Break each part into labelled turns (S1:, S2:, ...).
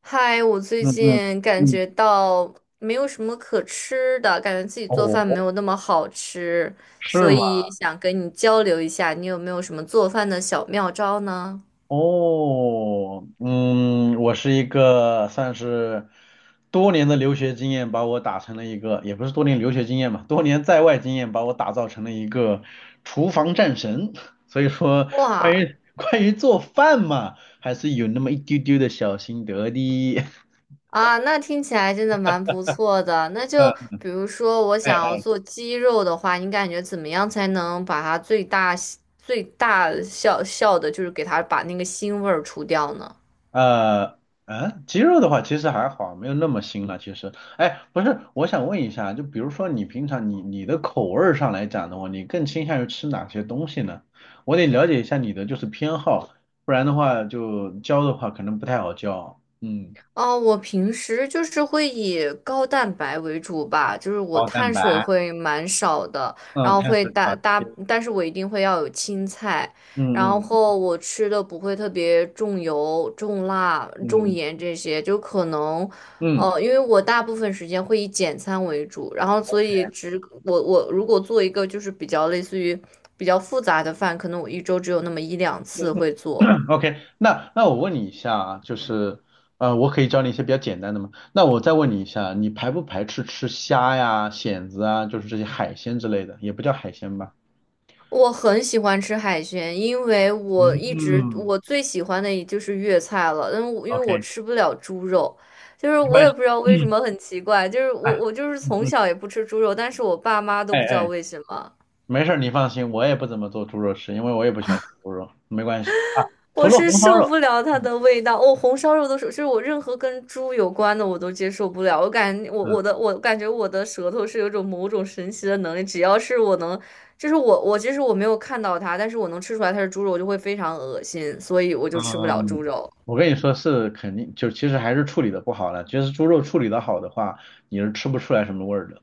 S1: 嗨，我最
S2: 嗯嗯
S1: 近感
S2: 嗯，
S1: 觉到没有什么可吃的，感觉自己做
S2: 哦，
S1: 饭没有那么好吃，
S2: 是
S1: 所
S2: 吗？
S1: 以想跟你交流一下，你有没有什么做饭的小妙招呢？
S2: 哦，我是一个算是多年的留学经验把我打成了一个，也不是多年留学经验吧，多年在外经验把我打造成了一个厨房战神。所以说，关
S1: 哇
S2: 于关于做饭嘛，还是有那么一丢丢的小心得的。
S1: 啊，那听起来真的蛮不错的。那 就
S2: 嗯，
S1: 比如说，我想
S2: 哎。
S1: 要做鸡肉的话，你感觉怎么样才能把它最大效效的，就是给它把那个腥味儿除掉呢？
S2: 呃，鸡肉的话其实还好，没有那么腥了。其实，哎，不是，我想问一下，就比如说你平常你的口味儿上来讲的话，你更倾向于吃哪些东西呢？我得了解一下你的就是偏好，不然的话就教的话可能不太好教。嗯，
S1: 哦，我平时就是会以高蛋白为主吧，就是我
S2: 高蛋
S1: 碳水
S2: 白，
S1: 会蛮少的，然
S2: 嗯，
S1: 后
S2: 碳
S1: 会
S2: 水
S1: 大
S2: 少
S1: 大，
S2: 吃，
S1: 但是我一定会要有青菜，然
S2: 嗯嗯
S1: 后我吃的不会特别重油、重辣、重
S2: 嗯
S1: 盐这些，就可能，
S2: 嗯嗯
S1: 因为我大部分时间会以简餐为主，然后所以只我如果做一个就是比较类似于比较复杂的饭，可能我一周只有那么一两次
S2: 嗯。
S1: 会做。
S2: OK，那我问你一下啊，就是，我可以教你一些比较简单的吗？那我再问你一下，你排不排斥吃虾呀、蚬子啊，就是这些海鲜之类的，也不叫海鲜吧？
S1: 我很喜欢吃海鲜，因为我一直
S2: 嗯
S1: 我最喜欢的也就是粤菜了。但我因为
S2: ，OK，
S1: 吃不了猪肉，就是
S2: 没
S1: 我
S2: 关
S1: 也
S2: 系。
S1: 不知道为什
S2: 嗯，
S1: 么，很奇怪，就是我
S2: 哎，
S1: 我就是
S2: 嗯
S1: 从
S2: 嗯，
S1: 小也不吃猪肉，但是我爸妈都
S2: 哎
S1: 不知道
S2: 哎，
S1: 为什么。
S2: 没事儿，你放心，我也不怎么做猪肉吃，因为我也不喜欢吃猪肉，没关系啊。除
S1: 我
S2: 了
S1: 是
S2: 红烧
S1: 受
S2: 肉，
S1: 不了它
S2: 嗯
S1: 的味道，我、红烧肉都是，就是我任何跟猪有关的我都接受不了。我感我
S2: 嗯
S1: 我的我感觉我的舌头是有种某种神奇的能力，只要是我能，就是我我其实我没有看到它，但是我能吃出来它是猪肉，我就会非常恶心，所以我就吃不了猪
S2: 嗯，
S1: 肉。
S2: 我跟你说是肯定，就其实还是处理的不好了。其实猪肉处理的好的话，你是吃不出来什么味儿的。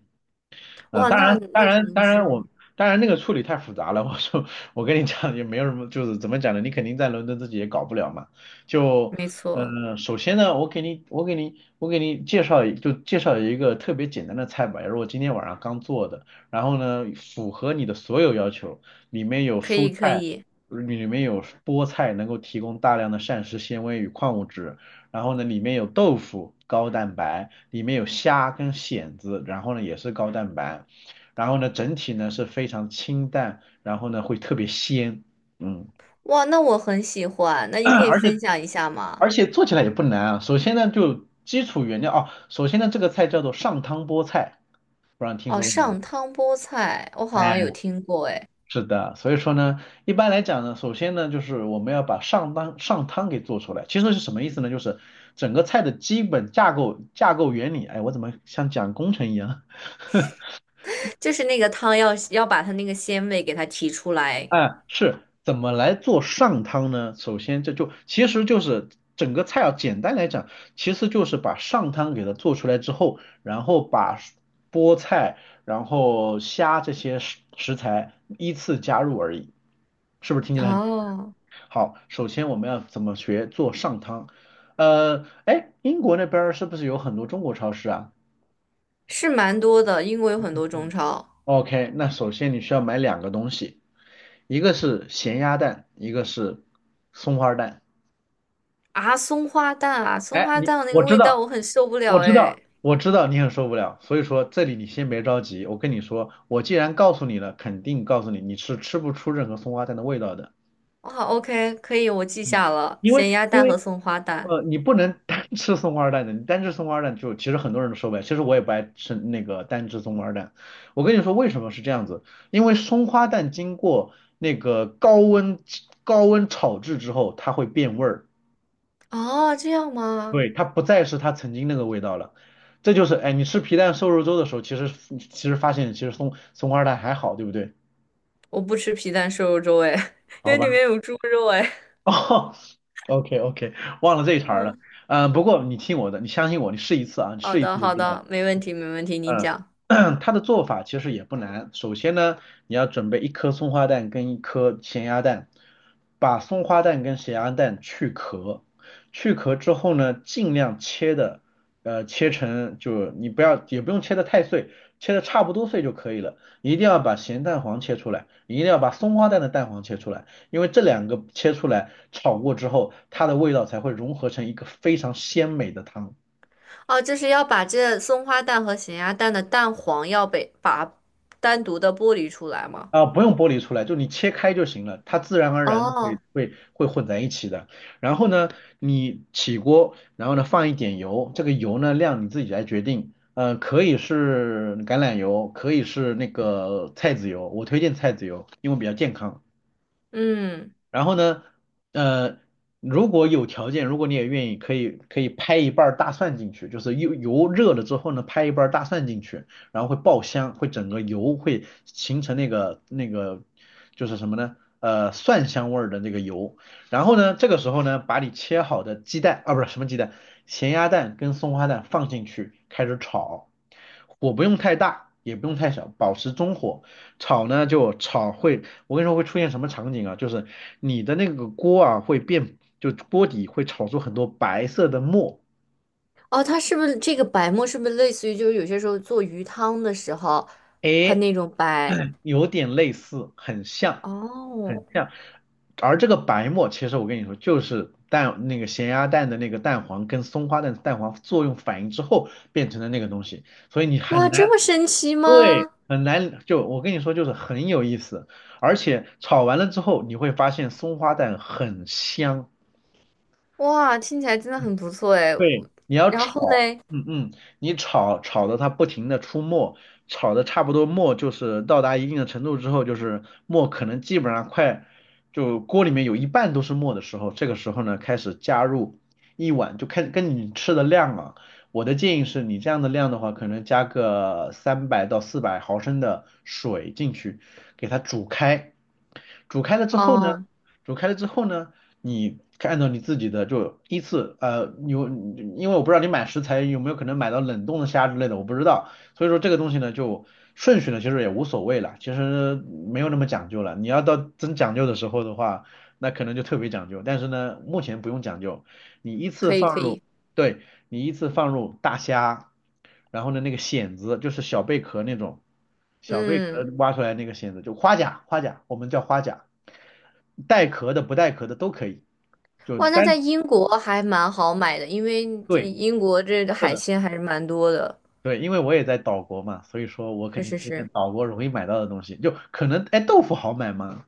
S2: 嗯，
S1: 哇，
S2: 当
S1: 那
S2: 然，当
S1: 那可
S2: 然，
S1: 能
S2: 当然
S1: 是
S2: 我，当然那个处理太复杂了。我说，我跟你讲，也没有什么，就是怎么讲呢？你肯定在伦敦自己也搞不了嘛。就，
S1: 没错，
S2: 嗯，首先呢，我给你介绍一个特别简单的菜吧，也是我今天晚上刚做的。然后呢，符合你的所有要求，里面有
S1: 可
S2: 蔬
S1: 以可
S2: 菜，
S1: 以。
S2: 里面有菠菜，能够提供大量的膳食纤维与矿物质。然后呢，里面有豆腐，高蛋白，里面有虾跟蚬子，然后呢也是高蛋白，然后呢整体呢是非常清淡，然后呢会特别鲜，嗯，
S1: 哇，那我很喜欢，那 你可以
S2: 而且
S1: 分享一下吗？
S2: 而且做起来也不难啊。首先呢就基础原料哦，首先呢这个菜叫做上汤菠菜，不知道你听
S1: 哦，
S2: 说过没
S1: 上汤菠菜，我好像
S2: 有？
S1: 有听过，
S2: 是的，所以说呢，一般来讲呢，首先呢，就是我们要把上汤给做出来。其实是什么意思呢？就是整个菜的基本架构原理。哎，我怎么像讲工程一样？
S1: 就是那个汤要把它那个鲜味给它提出 来。
S2: 哎，是怎么来做上汤呢？首先这就其实就是整个菜要简单来讲，其实就是把上汤给它做出来之后，然后把菠菜、然后虾这些食材依次加入而已，是不是听起来很？
S1: 哦，
S2: 好，首先我们要怎么学做上汤？哎，英国那边儿是不是有很多中国超市啊
S1: 是蛮多的，英国有很多中超
S2: ？OK，那首先你需要买两个东西，一个是咸鸭蛋，一个是松花蛋。
S1: 啊，松花蛋啊，松
S2: 哎，
S1: 花
S2: 你
S1: 蛋那
S2: 我
S1: 个
S2: 知
S1: 味道
S2: 道，
S1: 我很受不
S2: 我
S1: 了
S2: 知道，
S1: 哎。
S2: 我知道你很受不了，所以说这里你先别着急，我跟你说，我既然告诉你了，肯定告诉你你是吃不出任何松花蛋的味道的。
S1: 哇，OK，可以，我记
S2: 嗯，
S1: 下了，
S2: 因为
S1: 咸鸭
S2: 因
S1: 蛋
S2: 为
S1: 和松花蛋。
S2: 呃，你不能单吃松花蛋的，你单吃松花蛋就其实很多人都受不了。其实我也不爱吃那个单吃松花蛋。我跟你说为什么是这样子，因为松花蛋经过那个高温炒制之后，它会变味儿，
S1: 哦，这样吗？
S2: 对，它不再是它曾经那个味道了。这就是，哎，你吃皮蛋瘦肉粥的时候，其实发现其实松花蛋还好，对不对？
S1: 我不吃皮蛋瘦肉粥哎，因
S2: 好
S1: 为
S2: 吧，
S1: 里面有猪肉哎。
S2: 哦，OK OK，忘了这一茬儿了。
S1: 嗯，
S2: 嗯、不过你听我的，你相信我，你试一次啊，你
S1: 好
S2: 试一
S1: 的
S2: 次就
S1: 好
S2: 知道。
S1: 的，没问题没问题，您讲。
S2: 嗯，它的做法其实也不难。首先呢，你要准备一颗松花蛋跟一颗咸鸭蛋，把松花蛋跟咸鸭蛋去壳，去壳之后呢，尽量切的，切成就你不要也不用切的太碎，切的差不多碎就可以了。一定要把咸蛋黄切出来，一定要把松花蛋的蛋黄切出来，因为这两个切出来炒过之后，它的味道才会融合成一个非常鲜美的汤。
S1: 哦，就是要把这松花蛋和咸鸭蛋的蛋黄要被把单独的剥离出来吗？
S2: 啊，不用剥离出来，就你切开就行了，它自然而然的会
S1: 哦
S2: 会会混在一起的。然后呢，你起锅，然后呢放一点油，这个油呢量你自己来决定，嗯，可以是橄榄油，可以是那个菜籽油，我推荐菜籽油，因为比较健康。
S1: 嗯，
S2: 然后呢，呃，如果有条件，如果你也愿意，可以拍一半儿大蒜进去，就是油热了之后呢，拍一半儿大蒜进去，然后会爆香，会整个油会形成那个就是什么呢？蒜香味儿的那个油。然后呢，这个时候呢，把你切好的鸡蛋啊，不是什么鸡蛋，咸鸭蛋跟松花蛋放进去，开始炒，火不用太大。也不用太小，保持中火。炒呢就炒会我跟你说会出现什么场景啊？就是你的那个锅啊会变，就锅底会炒出很多白色的沫。
S1: 哦，它是不是这个白沫是不是类似于就是有些时候做鱼汤的时候，它
S2: 哎，
S1: 那种白？
S2: 有点类似，很像，很
S1: 哦，
S2: 像。而这个白沫，其实我跟你说，就是蛋那个咸鸭蛋的那个蛋黄跟松花蛋的蛋黄作用反应之后变成的那个东西，所以你
S1: 哇，
S2: 很难，
S1: 这么神奇
S2: 对，
S1: 吗？
S2: 很难。就我跟你说，就是很有意思，而且炒完了之后，你会发现松花蛋很香。
S1: 哇，听起来真的很不错哎。
S2: 对，
S1: 我
S2: 你要
S1: 然后
S2: 炒，
S1: 嘞，
S2: 嗯嗯，你炒炒的它不停的出沫，炒的差不多沫就是到达一定的程度之后，就是沫可能基本上快就锅里面有一半都是沫的时候，这个时候呢开始加入一碗，就开始跟你吃的量啊，我的建议是你这样的量的话，可能加个300到400毫升的水进去，给它煮开，煮开了之后呢，
S1: 哦，
S2: 煮开了之后呢。你按照你自己的就依次有因为我不知道你买食材有没有可能买到冷冻的虾之类的，我不知道，所以说这个东西呢就顺序呢其实也无所谓了，其实没有那么讲究了。你要到真讲究的时候的话，那可能就特别讲究，但是呢目前不用讲究，你依次
S1: 可以
S2: 放
S1: 可
S2: 入，
S1: 以，
S2: 对，你依次放入大虾，然后呢那个蚬子就是小贝壳那种，小贝壳
S1: 嗯，
S2: 挖出来那个蚬子就花甲，花甲我们叫花甲，带壳的不带壳的都可以，就
S1: 哇，那
S2: 单
S1: 在英国还蛮好买的，因为这
S2: 对
S1: 英国这个
S2: 是
S1: 海
S2: 的
S1: 鲜还是蛮多的，
S2: 对，因为我也在岛国嘛，所以说我肯
S1: 是
S2: 定
S1: 是
S2: 推荐
S1: 是，
S2: 岛国容易买到的东西，就可能哎豆腐好买吗？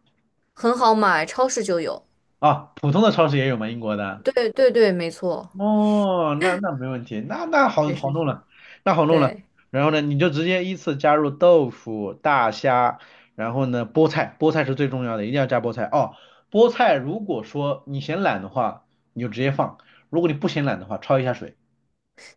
S1: 很好买，超市就有。
S2: 啊，普通的超市也有吗？英国的？
S1: 对对对，没错，
S2: 哦，那没问题，那好
S1: 是
S2: 好
S1: 是
S2: 弄
S1: 是，
S2: 了，那好弄了。
S1: 对。
S2: 然后呢，你就直接依次加入豆腐、大虾，然后呢，菠菜，菠菜是最重要的，一定要加菠菜哦。菠菜如果说你嫌懒的话，你就直接放；如果你不嫌懒的话，焯一下水，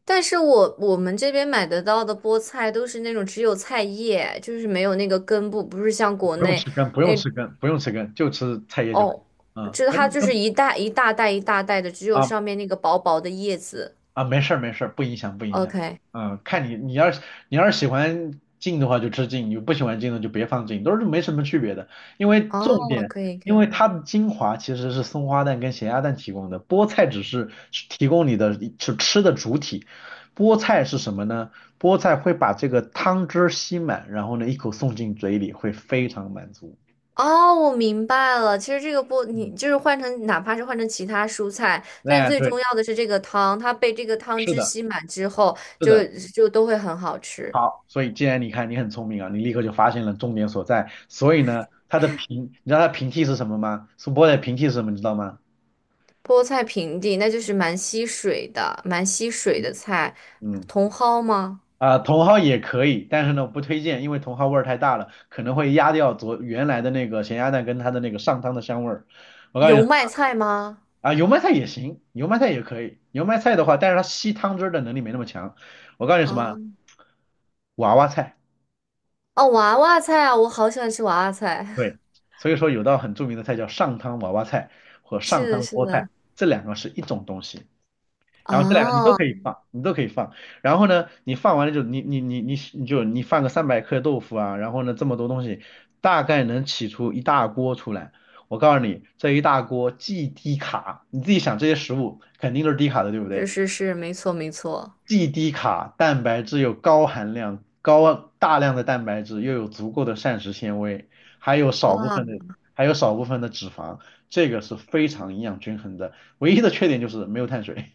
S1: 但是我们这边买得到的菠菜都是那种只有菜叶，就是没有那个根部，不是像国
S2: 不用
S1: 内
S2: 吃根，不用
S1: 那
S2: 吃根，不用吃根，就吃菜叶就可
S1: 哦，
S2: 以。嗯，
S1: 这
S2: 根
S1: 它就是
S2: 根
S1: 一大袋一大袋的，只有
S2: 啊
S1: 上面那个薄薄的叶子。
S2: 啊，没事儿没事儿，不影响不影响。
S1: OK，
S2: 嗯，看你你要是喜欢静的话就吃静，你不喜欢静的就别放静，都是没什么区别的。因为重
S1: 哦，
S2: 点，
S1: 可以可
S2: 因为
S1: 以，
S2: 它的精华其实是松花蛋跟咸鸭蛋提供的，菠菜只是提供你的是吃的主体。菠菜是什么呢？菠菜会把这个汤汁儿吸满，然后呢一口送进嘴里，会非常满足。
S1: 哦，我明白了。其实这个菠，你
S2: 嗯，
S1: 就是换成哪怕是换成其他蔬菜，但
S2: 哎，
S1: 最
S2: 对，
S1: 重要的是这个汤，它被这个汤
S2: 是
S1: 汁
S2: 的，
S1: 吸满之后，
S2: 是
S1: 就
S2: 的。
S1: 就都会很好吃。
S2: 好，所以既然你看你很聪明啊，你立刻就发现了重点所在。所以呢，它的平，你知道它的平替是什么吗？苏泊的平替是什么？你知道吗？
S1: 菠菜平地，那就是蛮吸水的，蛮吸水的菜。
S2: 嗯，
S1: 茼蒿吗？
S2: 啊、茼蒿也可以，但是呢，我不推荐，因为茼蒿味儿太大了，可能会压掉昨原来的那个咸鸭蛋跟它的那个上汤的香味儿。我告诉你
S1: 油麦菜吗？
S2: 啊、油麦菜也行，油麦菜也可以。油麦菜的话，但是它吸汤汁儿的能力没那么强。我告诉你什
S1: 啊，
S2: 么，娃娃菜。
S1: 哦，娃娃菜啊，我好喜欢吃娃娃菜。
S2: 对，所以说有道很著名的菜叫上汤娃娃菜和上
S1: 是的，
S2: 汤
S1: 是
S2: 菠菜，
S1: 的，
S2: 这两个是一种东西。然后这两个你都
S1: 啊，
S2: 可以放，你都可以放。然后呢，你放完了就你你你你你就你放个300克豆腐啊，然后呢这么多东西，大概能起出一大锅出来。我告诉你，这一大锅既低卡，你自己想这些食物肯定都是低卡的，对不
S1: 是
S2: 对？
S1: 是是，没错没错。
S2: 既低卡，蛋白质又高含量，高大量的蛋白质又有足够的膳食纤维，还有少部
S1: 哇，
S2: 分的还有少部分的脂肪，这个是非常营养均衡的。唯一的缺点就是没有碳水。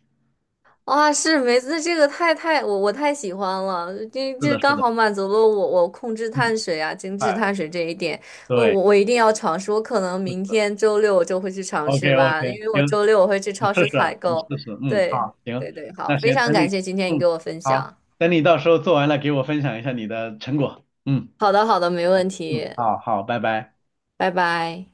S1: 哇，是梅子这个太太我我太喜欢了，这
S2: 是
S1: 这
S2: 的，是
S1: 刚
S2: 的，
S1: 好满足了我控制
S2: 嗯，
S1: 碳水啊、精致
S2: 哎，
S1: 碳水这一点，我
S2: 对，
S1: 我我一定要尝试，我可能
S2: 是
S1: 明
S2: 的
S1: 天周六我就会去尝
S2: ，OK
S1: 试
S2: OK，
S1: 吧，因为我
S2: 行，
S1: 周六我会去
S2: 你试
S1: 超市
S2: 试
S1: 采
S2: 啊，你试
S1: 购。
S2: 试，嗯，
S1: 对
S2: 好，行，
S1: 对对，好，
S2: 那
S1: 非
S2: 行，
S1: 常
S2: 等你，
S1: 感谢今天你
S2: 嗯，
S1: 给我分
S2: 好，
S1: 享。
S2: 等你到时候做完了，给我分享一下你的成果，嗯
S1: 好的好的，没问
S2: 嗯，
S1: 题，
S2: 好好，拜拜。
S1: 拜拜。